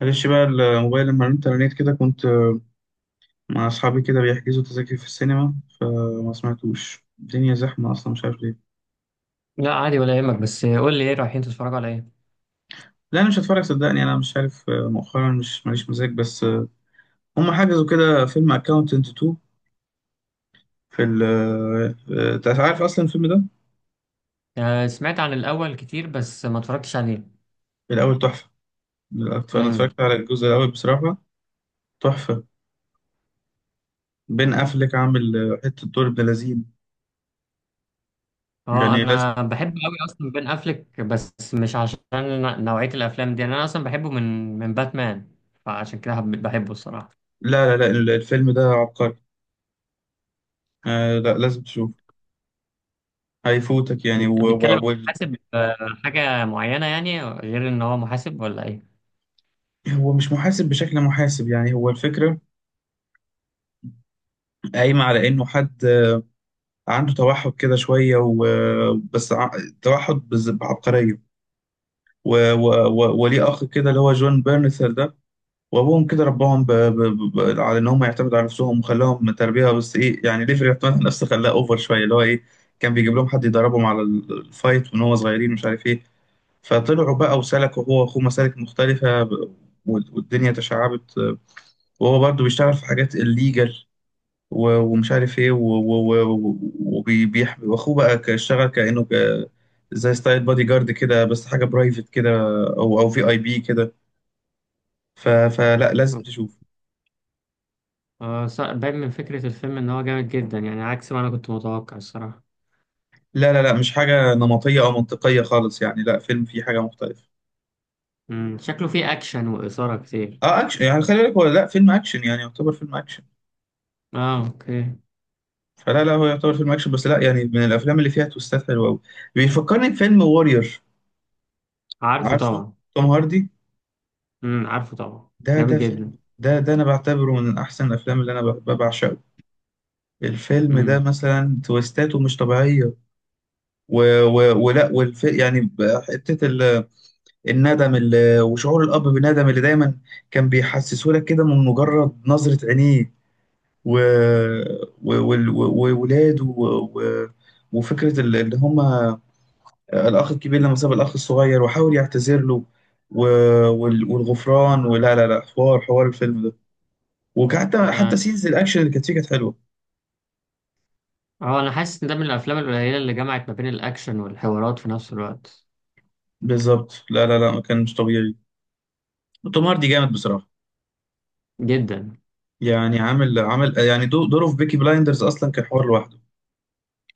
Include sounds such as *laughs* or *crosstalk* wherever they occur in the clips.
معلش بقى الموبايل لما رنت على النت كده كنت مع أصحابي كده بيحجزوا تذاكر في السينما فما سمعتوش. الدنيا زحمة أصلا، مش عارف ليه. لا، عادي ولا يهمك، بس قول لي ايه رايحين تتفرجوا على ايه؟ لا أنا مش هتفرج صدقني، أنا مش عارف، مؤخرا مش ماليش مزاج، بس هم حجزوا كده فيلم أكاونتنت 2. في ال أنت عارف أصلا الفيلم ده؟ آه، سمعت عن الاول كتير بس ما اتفرجتش عليه. الأول تحفة. أنا امم. اتفرجت على الجزء الأول بصراحة، تحفة. بين أفلك عامل حتة دور ابن لذين، اه، يعني لازم. انا بحب قوي اصلا بين افليك، بس مش عشان نوعيه الافلام دي، انا اصلا بحبه من باتمان. فعشان كده بحبه الصراحه. لا الفيلم ده عبقري. آه، لا لازم تشوف، هيفوتك يعني. بيتكلم عن محاسب، حاجه معينه يعني، غير ان هو محاسب ولا ايه؟ هو مش محاسب بشكل محاسب، يعني هو الفكرة قايمة على إنه حد عنده توحد كده شوية وبس، توحد بعبقرية. و- و- و- وليه أخ كده اللي هو جون بيرنثر ده، وأبوهم كده رباهم على إن هم يعتمدوا على نفسهم، وخلاهم تربية بس إيه، يعني ليفري يعتمد على نفسه، خلاه أوفر شوية، اللي هو إيه، كان بيجيب لهم حد يدربهم على الفايت وإن هو صغيرين، مش عارف إيه. فطلعوا بقى وسلكوا هو وأخوه مسالك مختلفة وال- والدنيا تشعبت، وهو برضه بيشتغل في حاجات الليجل، و- ومش عارف ايه، وبيحب واخوه بقى اشتغل كانه زي ستايل بادي جارد كده، بس حاجه برايفت كده، او او في اي بي كده. ف- فلا لازم تشوف. آه، باين من فكره الفيلم ان هو جامد جدا، يعني عكس ما انا كنت متوقع الصراحه. لا مش حاجه نمطيه او منطقيه خالص، يعني لا، فيلم فيه حاجه مختلفه. شكله فيه اكشن واثاره كتير. اه اكشن، يعني خلي بالك هو لا فيلم اكشن يعني، يعتبر فيلم اكشن. اه، اوكي. فلا لا، هو يعتبر فيلم اكشن بس لا، يعني من الافلام اللي فيها تويستات حلوه قوي. بيفكرني بفيلم وورير. عارفه عارفه. طبعا. توم هاردي. عارفه طبعا. ده جامد فيلم، جدا. ده انا بعتبره من احسن الافلام اللي انا بعشقه. الفيلم ده امم. مثلا تويستاته مش طبيعية. ولا يعني حتة الندم وشعور الأب بالندم اللي دايما كان بيحسسه لك كده من مجرد نظرة عينيه. و... و... وال- و... وولاده، وفكرة اللي هما الأخ الكبير لما ساب الأخ الصغير وحاول يعتذر له، و... والغفران. ولا لا لا حوار، حوار الفيلم ده. وحتى حتى ماشي. سينز الأكشن اللي كانت فيه كانت حلوة. اه، انا حاسس ان ده من الافلام القليله اللي جمعت ما بين الاكشن والحوارات في نفس الوقت. بالظبط، لا كان مش طبيعي. توم هاردي جامد بصراحه، جدا. يعني عامل عامل يعني دوره في بيكي بلايندرز اصلا كان حوار لوحده.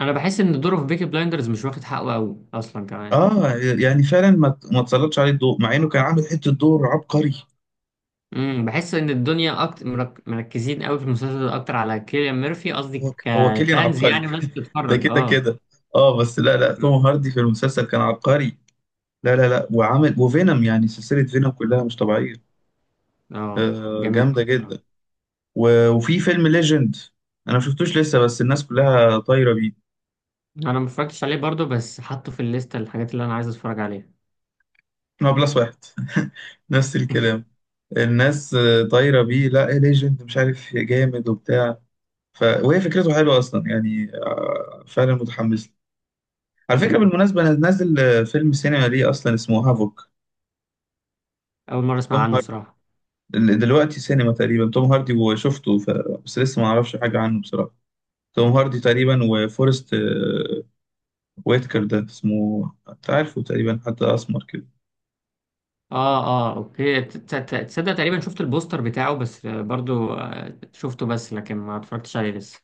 انا بحس ان دوره في بيكي بلايندرز مش واخد حقه قوي اصلا كمان. اه يعني فعلا ما تسلطش عليه الضوء، مع انه كان عامل حته دور عبقري. بحس ان الدنيا اكتر مركزين قوي في المسلسل ده اكتر على كيليان ميرفي، قصدي هو هو كيليان كفانز عبقري، يعني، وناس ده بتتفرج، كده اه. كده. اه بس لا لا، توم مم. هاردي في المسلسل كان عبقري. لا وعامل وفينوم، يعني سلسله فينوم كلها مش طبيعيه. اه، آه جامد جامده أوي جدا. بصراحة. و- وفي فيلم ليجند، انا ما شفتوش لسه، بس الناس كلها طايره بيه. انا ما اتفرجتش عليه برضه، بس حاطه في الليسته الحاجات اللي انا عايز اتفرج عليها. هو بلس واحد، نفس الكلام، الناس آه، طايره بيه، لا ايه ليجند مش عارف جامد وبتاع. وهي فكرته حلوه اصلا يعني، آه، فعلا متحمس له. على فكره امم بالمناسبه انا نازل آه، فيلم سينما ليه اصلا اسمه هافوك. اول مره اسمع توم عنه هاردي. صراحه. دلوقتي سينما تقريبا، توم هاردي وشفته بس لسه ما اعرفش حاجه عنه بصراحه. توم هاردي تقريبا وفورست آه، ويتكر ده اسمه، انت عارفه تقريبا، حتى اسمر كده. اه. اه، اوكي، تصدق تقريبا شفت البوستر بتاعه، بس برضو شفته، بس لكن ما اتفرجتش عليه لسه.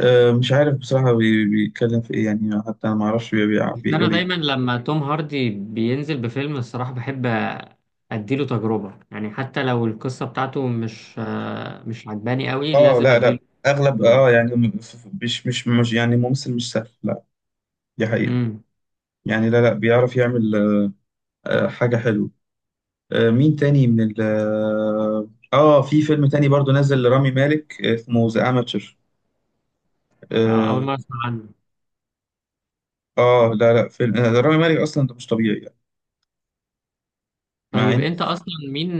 آه، مش عارف بصراحه بيتكلم في ايه، يعني حتى أنا ما اعرفش بس انا بيقول دايما ايه. لما توم هاردي بينزل بفيلم الصراحة بحب، اديله تجربة، يعني حتى لو القصة بتاعته مش عجباني قوي، اه لازم لا اديله لا اغلب تجربة. اه يعني مش يعني ممثل مش سهل لا. دي حقيقة. امم يعني لا لا بيعرف يعمل آه، حاجة حلوة. آه، مين تاني من ال اه، آه، في فيلم تاني برضو نزل لرامي مالك آه، اسمه ذا اماتشر. اول اه. مرة اسمع عنه. آه، لا لا فيلم آه، ده رامي مالك اصلا، ده مش طبيعي يعني. مع طيب، ان انت اصلا مين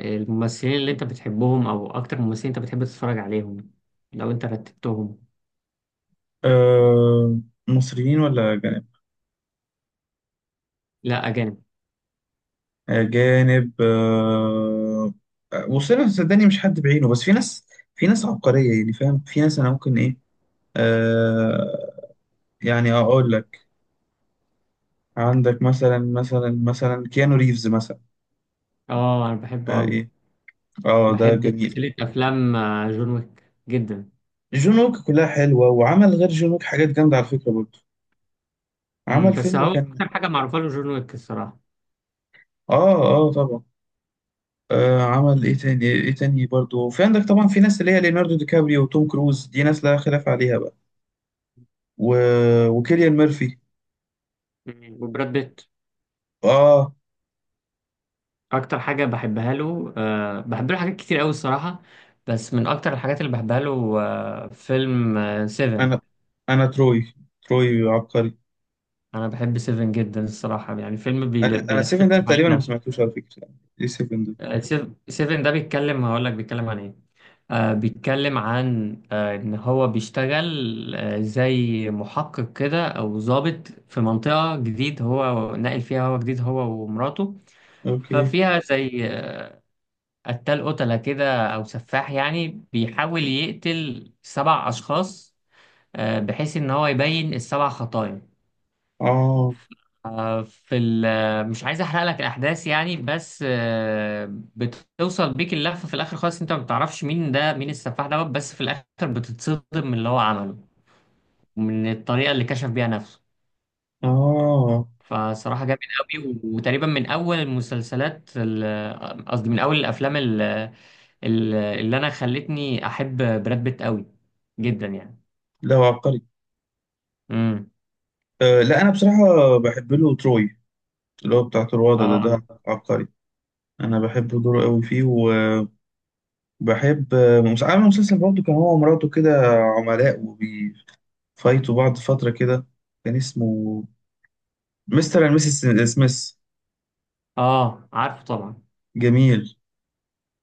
الممثلين اللي انت بتحبهم، او اكتر ممثلين انت بتحب تتفرج عليهم لو انت رتبتهم؟ آه، مصريين ولا جانب؟ لا، اجانب. اجانب آه. وصلنا صدقني، مش حد بعينه، بس في ناس، في ناس عبقرية يعني، فاهم، في ناس انا ممكن ايه، آه، يعني اقول لك، عندك مثلا مثلا كيانو ريفز مثلا. اه، انا بحبه آه قوي. ايه، اه ده بحب جميل. سلسلة أفلام جون ويك جدا. جون ويك كلها حلوه، وعمل غير جون ويك حاجات جامده على فكره برضه. عمل مم، بس فيلم هو كان، أكتر حاجة معروفة له جون ويك الصراحة. اه اه طبعا، آه عمل ايه تاني، ايه تاني برضه. وفي عندك طبعا في ناس اللي هي ليوناردو دي كابريو وتوم كروز، دي ناس لا خلاف عليها بقى. و... وكيليان ميرفي. مم، وبراد بيت اه. أكتر حاجة بحبها له. بحب له حاجات كتير أوي الصراحة، بس من أكتر الحاجات اللي بحبها له فيلم سيفن. انا انا تروي، تروي عبقري. أنا بحب سيفن جدا الصراحة، يعني فيلم انا انا سيفن ده بيلفتني حوالين تقريبا ما ده. سمعتوش على فكره، ايه سيفن ده؟ آه، سيفن ده بيتكلم، هقول لك بيتكلم عن إيه. آه، بيتكلم عن إن هو بيشتغل زي محقق كده، أو ضابط في منطقة جديد هو ناقل فيها، هو جديد هو ومراته. اوكي. ففيها زي قتال قتلة كده، أو سفاح يعني بيحاول يقتل سبع أشخاص، بحيث إن هو يبين السبع خطايا. اه آه، في ال- آه، مش عايز احرق لك الاحداث يعني، بس بتوصل بيك اللفه في الاخر خالص، انت ما بتعرفش مين ده، مين السفاح دوت، بس في الاخر بتتصدم من اللي هو عمله، من الطريقه اللي كشف بيها نفسه. اه. فصراحه جامد قوي، وتقريبا من اول المسلسلات آه، قصدي من اول الافلام اللي انا خلتني احب براد بيت قوي جدا يعني. لا هو عبقري. امم. أه لا انا بصراحه بحب له تروي، اللي هو بتاع تروادة ده، اه، ده عبقري. انا بحب دوره قوي فيه. وبحب آه، عامل مسلسل برضه كان هو ومراته كده عملاء وبيفايتوا بعض فتره كده، كان اسمه مستر اند ميسيس سميث. اه، عارفه طبعا. جميل.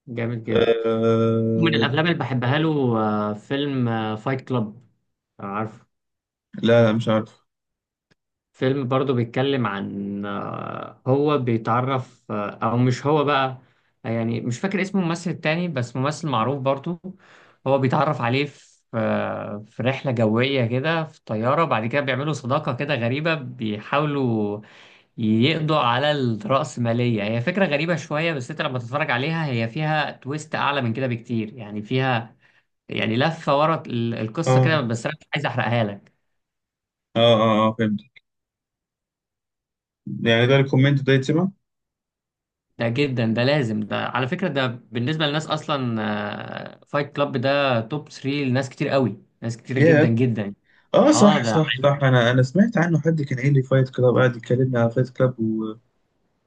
جامد جدا. من أه. الافلام اللي بحبها له فيلم فايت كلاب، عارف؟ لا لا مش عارف. فيلم برضو بيتكلم عن، هو بيتعرف، او مش هو بقى، يعني مش فاكر اسم الممثل التاني بس ممثل معروف برضو. هو بيتعرف عليه في في رحلة جوية كده، في طيارة، بعد كده بيعملوا صداقة كده غريبة، بيحاولوا يقضوا على الرأسمالية. هي فكرة غريبة شوية بس انت لما تتفرج عليها هي فيها تويست أعلى من كده بكتير، يعني فيها يعني لفه ورا القصه كده، اه بس انا مش عايز احرقها لك. اه اه، آه فهمت. يعني ده الكومنت ده يتسمع. ده جدا، ده لازم، ده على فكره، ده بالنسبه للناس اصلا، فايت كلاب ده توب 3 لناس كتير قوي، ناس كتير جدا ياه. جدا. اه اه، صح ده صح عالي. صح، انا انا سمعت عنه، حد كان قايل لي فايت كلاب، قاعد يكلمني على فايت كلاب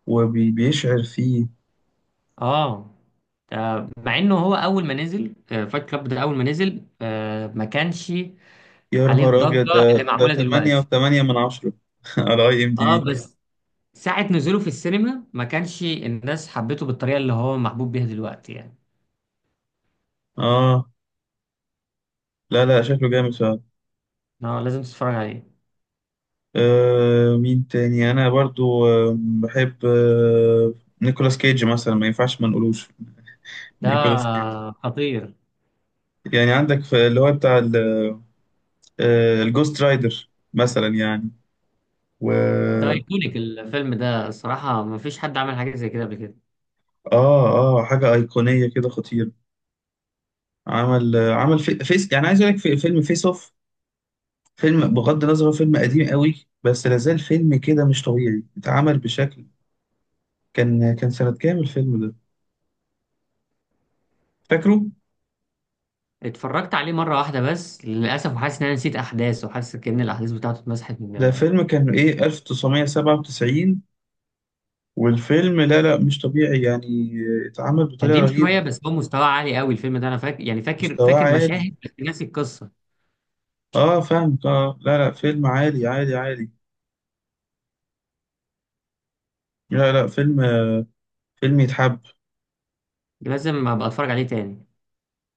وبيشعر فيه. اه، ده مع انه هو اول ما نزل فايت كلاب ده، اول ما نزل، ما كانش يا عليه نهار الضجه أبيض، اللي ده معموله تمانية دلوقتي. وتمانية من عشرة *laughs* على أي إم دي اه، بي بس ساعه نزوله في السينما ما كانش الناس حبته بالطريقه اللي هو محبوب بيها دلوقتي يعني. آه لا لا شكله جامد فعلا. اه، لازم تتفرج عليه. آه مين تاني أنا برضو آه بحب آه، نيكولاس كيج مثلا ما ينفعش ما نقولوش. *laughs* ده نيكولاس كيج، خطير. يعني عندك في اللي هو بتاع آه الجوست رايدر مثلا يعني. و ده ايكونيك الفيلم ده الصراحة، مفيش حد عمل حاجة زي كده قبل كده. آه آه، حاجة أيقونية كده خطيرة. عمل آه، عمل فيس، يعني عايز أقول لك في فيلم فيس أوف. فيلم بغض النظر هو فيلم قديم قوي، بس لازال فيلم كده مش طبيعي، اتعمل بشكل، كان كان سنة كام الفيلم ده فاكره؟ اتفرجت عليه مرة واحدة بس للأسف، وحاسس إن أنا نسيت أحداث، وحاسس كأن الأحداث بتاعته اتمسحت من ده دماغي. فيلم كان ايه 1997. والفيلم لا لا مش طبيعي يعني، اتعمل بطريقة قديم شوية، رهيبة. بس هو مستوى عالي قوي الفيلم ده، أنا فاكر، يعني فاكر مستواه فاكر عالي. مشاهد بس ناسي القصة. اه فاهمك، اه لا لا فيلم عالي عالي عالي. لا لا فيلم، فيلم يتحب. لازم أبقى أتفرج عليه تاني.